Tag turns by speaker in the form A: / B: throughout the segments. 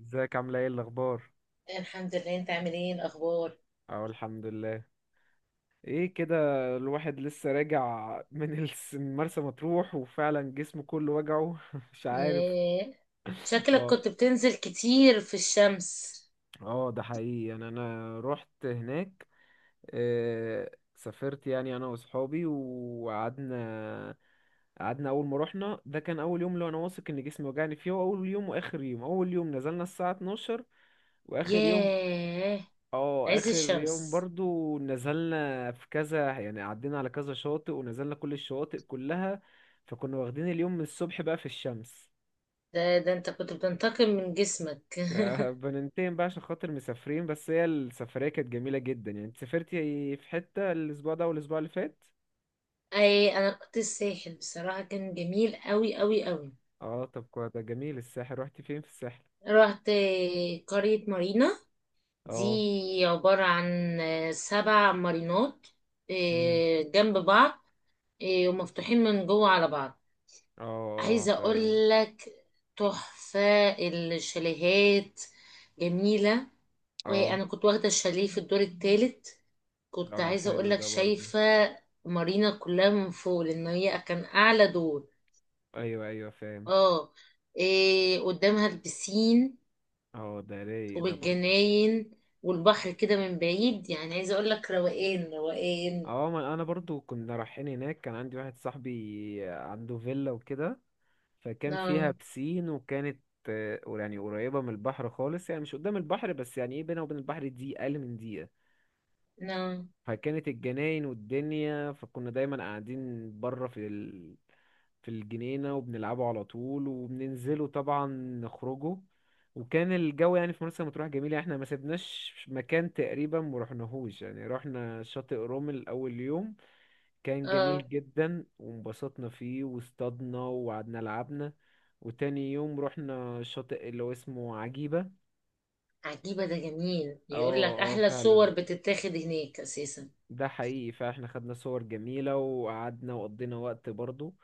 A: ازيك عامله ايه الاخبار؟
B: الحمد لله. انت عامل ايه الاخبار؟
A: اه، الحمد لله. ايه كده؟ الواحد لسه راجع من مرسى مطروح، وفعلا جسمه كله وجعه. مش عارف.
B: ياه، شكلك
A: اه،
B: كنت بتنزل كتير في الشمس.
A: اه، ده حقيقي، يعني انا رحت هناك. آه، سافرت يعني انا واصحابي وقعدنا. قعدنا اول ما رحنا. ده كان اول يوم اللي انا واثق ان جسمي وجعني فيه، هو اول يوم واخر يوم. اول يوم نزلنا الساعه 12، واخر يوم.
B: ياه،
A: اه،
B: عز
A: اخر يوم
B: الشمس.
A: برضو نزلنا في كذا، يعني عدينا على كذا شاطئ ونزلنا كل الشواطئ كلها. فكنا واخدين اليوم من الصبح بقى في الشمس.
B: ده انت كنت بتنتقم من جسمك.
A: بننتقم بقى عشان خاطر مسافرين، بس هي السفرية كانت جميلة جدا. يعني انت سافرتي في حتة الأسبوع ده والأسبوع اللي فات؟
B: اي، انا كنت الساحل، بصراحة كان جميل قوي قوي قوي.
A: اه طب كويس، ده جميل. الساحل رحتي فين في الساحل؟
B: رحت قرية مارينا،
A: اه.
B: دي عبارة عن سبع مارينات.
A: مم.
B: إيه، جنب بعض. إيه، ومفتوحين من جوه على بعض.
A: اه، اه،
B: عايزة
A: فاهم.
B: اقول لك، تحفة الشاليهات، جميلة.
A: اه،
B: انا كنت واخدة الشاليه في الدور الثالث. كنت
A: اه،
B: عايزة اقول
A: حلو
B: لك،
A: ده برضو.
B: شايفة مارينا كلها من فوق، لان هي كان اعلى دور.
A: ايوه، ايوه، فاهم.
B: اه. إيه، قدامها البسين
A: اه، ده رايق ده برضو.
B: والجناين والبحر كده من بعيد، يعني عايزة اقول لك، روقان روقان.
A: اه، ما انا برضو كنا رايحين هناك. كان عندي واحد صاحبي عنده فيلا وكده، فكان فيها
B: نعم،
A: بسين وكانت... يعني قريبة من البحر خالص، يعني مش قدام البحر، بس يعني ايه، بينها وبين البحر دي اقل من دقيقة.
B: نعم.
A: فكانت الجناين والدنيا، فكنا دايما قاعدين بره في الجنينة وبنلعبوا على طول وبننزلوا طبعا، نخرجوا. وكان الجو يعني في مرسى مطروح جميل، يعني احنا ما سيبناش مكان تقريبا ما رحناهوش. يعني رحنا شاطئ رومل اول يوم، كان
B: اه،
A: جميل جدا وانبسطنا فيه واصطادنا وقعدنا لعبنا. وتاني يوم رحنا شاطئ اللي هو اسمه عجيبة.
B: عجيبة ده جميل،
A: اه،
B: يقول لك
A: اه،
B: احلى
A: فعلا،
B: صور بتتاخد هناك اساسا.
A: ده حقيقي. فاحنا خدنا صور جميلة وقعدنا وقضينا وقت برضو.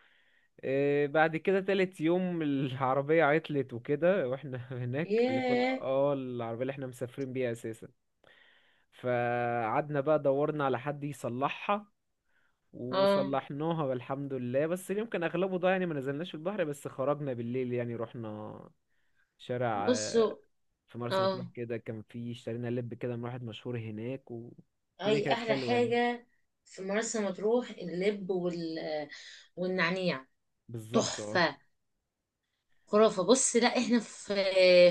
A: بعد كده تالت يوم العربية عطلت وكده واحنا هناك، اللي كنا
B: ياه.
A: العربية اللي احنا مسافرين بيها اساسا. فقعدنا بقى دورنا على حد يصلحها،
B: اه.
A: وصلحناها والحمد لله، بس اليوم كان اغلبه ضايع. يعني ما نزلناش في البحر، بس خرجنا بالليل. يعني رحنا شارع
B: بصوا،
A: في مرسى مطروح
B: اه،
A: كده، كان في اشترينا لب كده من واحد مشهور هناك، والدنيا
B: هي
A: كانت
B: احلى
A: حلوه يعني.
B: حاجه في مرسى مطروح اللب والنعناع،
A: بالظبط، اه.
B: تحفه، خرافه. بص، لا احنا في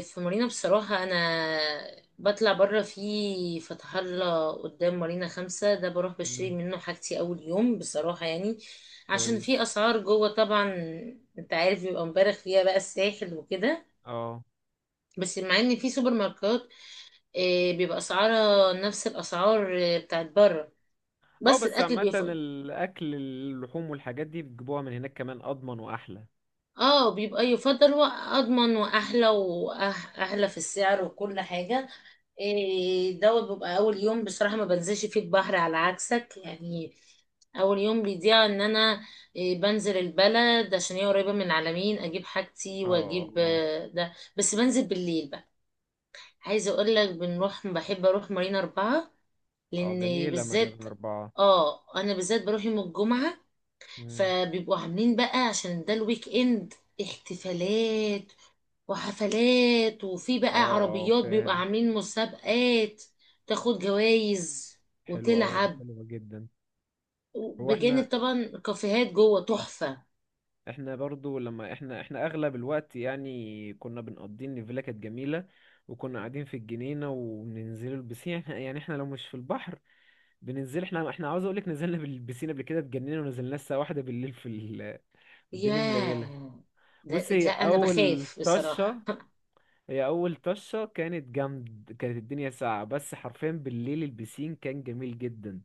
B: في مارينا بصراحه، انا بطلع بره في فتح الله قدام مارينا 5، ده بروح بشتري
A: مم.
B: منه حاجتي اول يوم بصراحه يعني. عشان في
A: كويس.
B: اسعار جوه طبعا، انت عارف بيبقى مبالغ فيها بقى الساحل وكده.
A: اه،
B: بس مع ان في سوبر ماركت، بيبقى اسعارها نفس الاسعار بتاعت بره،
A: اه،
B: بس
A: بس
B: الاكل
A: عامة
B: بيفضل.
A: الأكل، اللحوم والحاجات دي، بتجيبوها من هناك كمان، أضمن وأحلى.
B: اه، بيبقى يفضل واضمن واحلى، واحلى في السعر وكل حاجه. إيه دوت بيبقى اول يوم بصراحه ما بنزلش فيه البحر، على عكسك يعني. اول يوم بيضيع، ان انا إيه، بنزل البلد عشان هي قريبه من العلمين، اجيب حاجتي
A: اه،
B: واجيب
A: اه،
B: ده. بس بنزل بالليل بقى. عايزه اقول لك، بنروح، بحب اروح مارينا 4،
A: اه،
B: لان
A: جميلة مريم
B: بالذات.
A: أربعة.
B: اه، انا بالذات بروح يوم الجمعه،
A: مم.
B: فبيبقوا عاملين بقى عشان ده الويك اند، احتفالات وحفلات، وفي
A: اه،
B: بقى
A: اه،
B: عربيات بيبقى
A: فاهم.
B: عاملين مسابقات، تاخد جوائز
A: حلوة، اه،
B: وتلعب،
A: حلوة جدا. هو احنا
B: بجانب طبعا كافيهات جوه تحفه.
A: احنا برضو، لما احنا اغلب الوقت، يعني كنا بنقضي ان الفيلا كانت جميله، وكنا قاعدين في الجنينه وبننزلوا البسين. احنا، يعني احنا لو مش في البحر، بننزل. احنا عاوز اقولك نزلنا بالبسين. قبل كده اتجننا ونزلنا الساعه واحدة بالليل الدنيا مليله.
B: ياه. ده
A: بصي،
B: لا، انا بخاف بصراحه.
A: هي اول طشه كانت جامد، كانت الدنيا ساقعه، بس حرفيا بالليل البسين كان جميل جدا.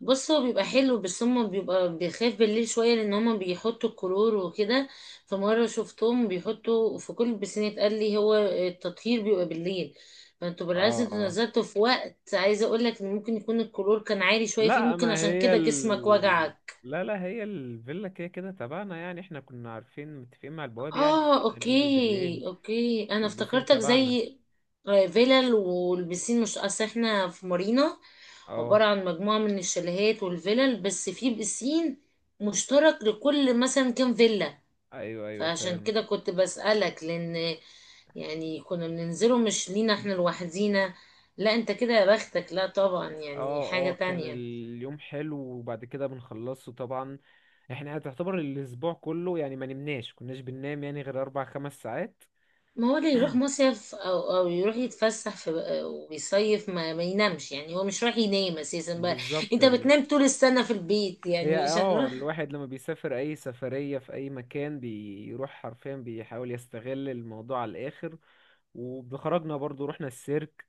B: بص، هو بيبقى حلو بس هما بيبقى بيخاف بالليل شوية، لأن هما بيحطوا الكلور وكده. فمرة شفتهم بيحطوا في كل البسينات، قال لي هو التطهير بيبقى بالليل. فانتوا بالعكس، انتوا
A: اه،
B: نزلتوا في وقت، عايزة اقولك ان ممكن يكون الكلور كان عالي شوية فيه
A: لا،
B: ممكن،
A: ما
B: عشان
A: هي
B: كده جسمك
A: ال...
B: وجعك.
A: لا، لا، هي الفيلا كده كده تبعنا. يعني احنا كنا عارفين متفقين مع البواب، يعني ان
B: اه،
A: احنا هننزل بالليل
B: اوكي اوكي، انا
A: والبسين
B: افتكرتك
A: تبعنا.
B: زي فيلل والبسين. مش اصل احنا في مارينا
A: اه،
B: عبارة عن مجموعة من الشاليهات والفلل، بس في بسين مشترك لكل مثلا كام فيلا.
A: ايوه، ايوه،
B: فعشان
A: فاهم.
B: كده كنت بسألك، لأن يعني كنا بننزله مش لينا احنا لوحدينا. لا، انت كده يا بختك، لا طبعا يعني
A: اه،
B: حاجة
A: اه، كان
B: تانية.
A: اليوم حلو، وبعد كده بنخلصه طبعا. احنا تعتبر الاسبوع كله، يعني ما نمناش كناش بننام يعني غير اربع خمس ساعات.
B: ما هو اللي يروح مصيف أو يروح يتفسح في ويصيف ما ينامش، يعني هو مش رايح ينام أساسا بقى.
A: بالظبط
B: انت
A: يعني.
B: بتنام طول السنة في البيت
A: هي
B: يعني، مش
A: اه
B: هنروح.
A: الواحد لما بيسافر اي سفرية في اي مكان بيروح، حرفيا بيحاول يستغل الموضوع على الاخر. وبخرجنا برضو رحنا السيرك،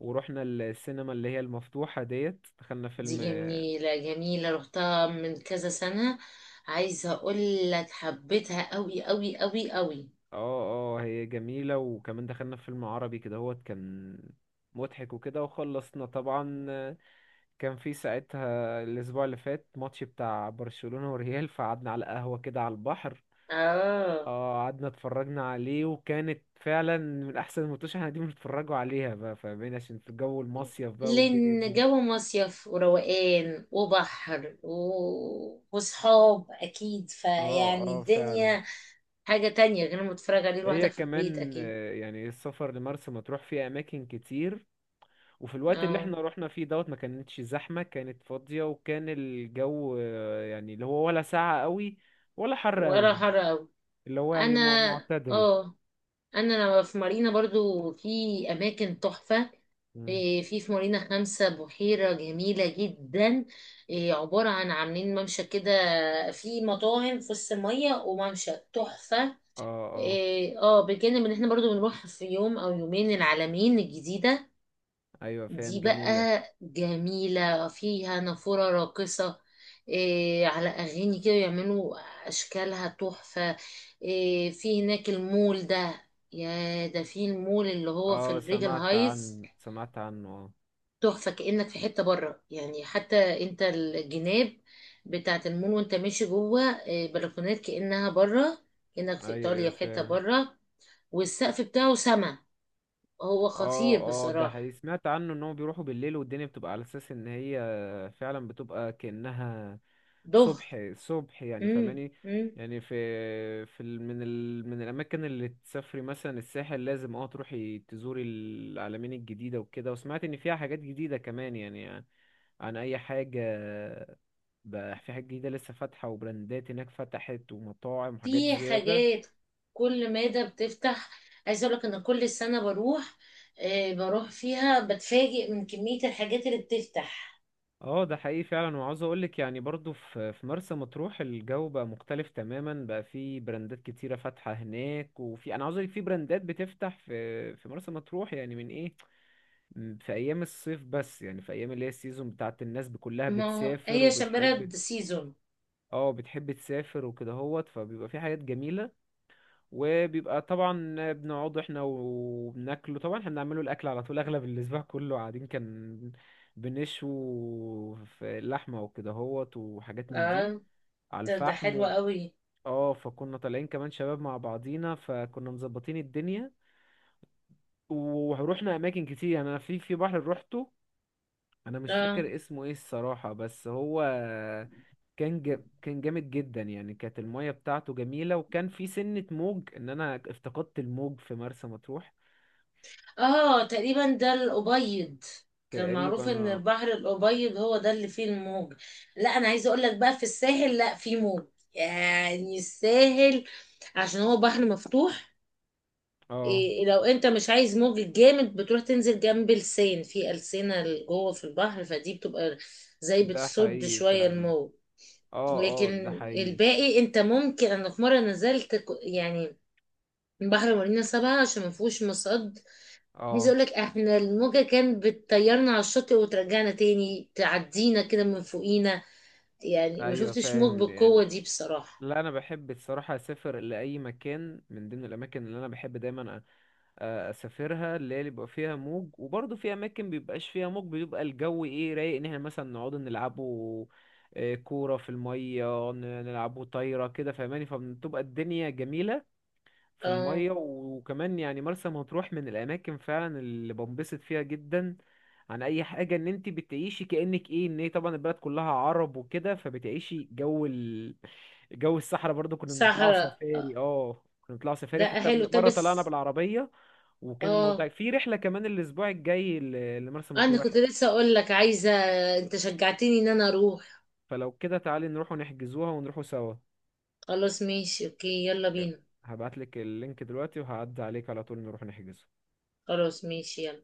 A: ورحنا السينما اللي هي المفتوحة ديت، دخلنا
B: دي
A: فيلم. اه،
B: جميلة، جميلة، رحتها من كذا سنة. عايزة اقول لك، حبيتها قوي قوي قوي قوي.
A: اه، هي جميلة، وكمان دخلنا فيلم عربي كده، هو كان مضحك وكده وخلصنا طبعا. كان في ساعتها الأسبوع اللي فات ماتش بتاع برشلونة والريال، فقعدنا على قهوة كده على البحر.
B: اه،
A: اه، قعدنا اتفرجنا عليه، وكانت فعلا من احسن المنتوشه احنا قاعدين بنتفرجوا عليها بقى، فاهمين، عشان في جو المصيف بقى والدنيا
B: لان
A: دي.
B: جو مصيف وروقان وبحر وصحاب اكيد،
A: اه،
B: فيعني
A: اه، فعلا.
B: الدنيا حاجة تانية غير ما تتفرج عليه
A: هي
B: لوحدك في البيت
A: كمان،
B: اكيد.
A: يعني السفر لمرسى مطروح فيه اماكن كتير. وفي الوقت اللي
B: اه،
A: احنا رحنا فيه دوت ما كانتش زحمه، كانت فاضيه، وكان الجو يعني اللي هو ولا ساقع قوي ولا حر
B: ولا
A: قوي.
B: حر قوي.
A: اللي هو يعني
B: انا،
A: معتدل.
B: اه، انا لما في مارينا برضو في اماكن تحفة.
A: مم.
B: إيه، في مارينا خمسة بحيرة جميلة جدا. إيه، عبارة عن عاملين ممشى كده، في مطاعم في وسط المية، وممشى تحفة.
A: اه، اه،
B: إيه، اه، بجانب ان احنا برضو بنروح في يوم او يومين العلمين الجديدة.
A: ايوه، فاهم،
B: دي
A: جميله.
B: بقى جميلة فيها نافورة راقصة، إيه، على اغاني كده يعملوا اشكالها تحفة. إيه، في هناك المول ده، يا ده في المول اللي هو في
A: اه،
B: الريجل هايتس،
A: سمعت عنه، اه.
B: تحفة، كأنك في حتة بره يعني. حتى انت الجناب بتاعة المول، وانت ماشي جوه بلكونات كأنها بره، كأنك في
A: ايوه، ايوه،
B: إيطاليا في حتة
A: فاهم.
B: بره. والسقف بتاعه سما، هو
A: اه،
B: خطير
A: اه، ده
B: بصراحة.
A: حقيقي، سمعت عنه ان هو بيروحوا بالليل والدنيا بتبقى على اساس ان هي فعلا بتبقى كأنها
B: ضهر.
A: صبح صبح، يعني
B: مم.
A: فاهماني.
B: مم.
A: يعني في في ال- من ال من الاماكن اللي تسافري مثلا الساحل، لازم تروحي تزوري العلمين الجديدة وكده، وسمعت ان فيها حاجات جديدة كمان، يعني عن اي حاجة؟ بقى في حاجات جديدة لسه فاتحة وبراندات هناك فتحت ومطاعم وحاجات
B: في
A: زيادة.
B: حاجات كل مادة بتفتح. عايزة اقولك ان كل سنة بروح، بروح فيها بتفاجئ من كمية الحاجات اللي بتفتح.
A: اه، ده حقيقي فعلا. وعاوز اقولك يعني برضو في مرسى مطروح الجو بقى مختلف تماما، بقى في براندات كتيرة فاتحة هناك، وفي، انا عاوز اقولك في براندات بتفتح في مرسى مطروح يعني من ايه. في ايام الصيف بس، يعني في ايام اللي هي السيزون بتاعت الناس كلها
B: ما هو-
A: بتسافر
B: هي عشان
A: وبتحب.
B: بلد سيزون.
A: اه، بتحب تسافر وكده هوت، فبيبقى في حاجات جميلة. وبيبقى طبعا بنقعد احنا وبناكله طبعا. احنا بنعمله الاكل على طول، اغلب الاسبوع كله قاعدين كان بنشوي في اللحمه وكده هوت وحاجات من دي،
B: اه،
A: على
B: ده
A: الفحم
B: حلو قوي.
A: اه. فكنا طالعين كمان شباب مع بعضينا، فكنا مظبطين الدنيا. ورحنا اماكن كتير. يعني انا في بحر روحته، انا مش
B: اه،
A: فاكر اسمه ايه الصراحه، بس هو كان جامد جدا. يعني كانت الميه بتاعته جميله، وكان في سنه موج، ان انا افتقدت الموج في مرسى مطروح.
B: اه، تقريبا ده الأبيض، كان
A: تقريبا،
B: معروف ان
A: اه.
B: البحر الأبيض هو ده اللي فيه الموج. لا، انا عايزه اقول لك بقى، في الساحل لا فيه موج، يعني الساحل عشان هو بحر مفتوح. إيه،
A: آه،
B: لو انت مش عايز موج جامد بتروح تنزل جنب لسان، في ألسنة جوه في البحر، فدي بتبقى زي
A: ده
B: بتصد
A: حقيقي
B: شوية
A: فعلا.
B: الموج. لكن
A: اه، اه، ده حقيقي.
B: الباقي انت ممكن، انا في مرة نزلت يعني بحر مارينا 7، عشان ما فيهوش مصد. عايزه
A: اه،
B: اقول لك، احنا الموجه كانت بتطيرنا على الشاطئ وترجعنا تاني، تعدينا كده من فوقينا، يعني ما
A: ايوه،
B: شفتش موج
A: فاهم
B: بالقوه
A: يعني.
B: دي بصراحه.
A: لا، انا بحب الصراحه اسافر لاي مكان. من ضمن الاماكن اللي انا بحب دايما اسافرها، اللي هي بيبقى فيها موج. وبرضه في اماكن بيبقاش فيها موج، بيبقى الجو ايه رايق، ان احنا مثلا نقعد نلعبوا كوره في الميه، نلعبوا طايره كده، فاهماني. فبتبقى الدنيا جميله في
B: اه،
A: المية. وكمان يعني مرسى مطروح من الأماكن فعلا اللي بنبسط فيها جدا، عن أي حاجة. إن أنت بتعيشي كأنك إيه، إن هي طبعا البلد كلها عرب وكده، فبتعيشي جو الصحراء. برضو كنا بنطلعوا
B: صحراء.
A: سفاري، اه، كنا بنطلعوا سفاري
B: ده
A: حتى
B: حلو. طب
A: مرة طلعنا
B: بس.
A: بالعربية. وكان الموضوع
B: اه،
A: في رحلة كمان الأسبوع الجاي لمرسى
B: انا
A: مطروح.
B: كنت لسه اقول لك، عايزه. انت شجعتني ان انا اروح.
A: فلو كده تعالي نروح ونحجزوها ونروحوا سوا.
B: خلاص، ماشي، اوكي، يلا بينا.
A: هبعتلك اللينك دلوقتي وهعدي عليك على طول نروح نحجزه.
B: خلاص، ماشي، يلا.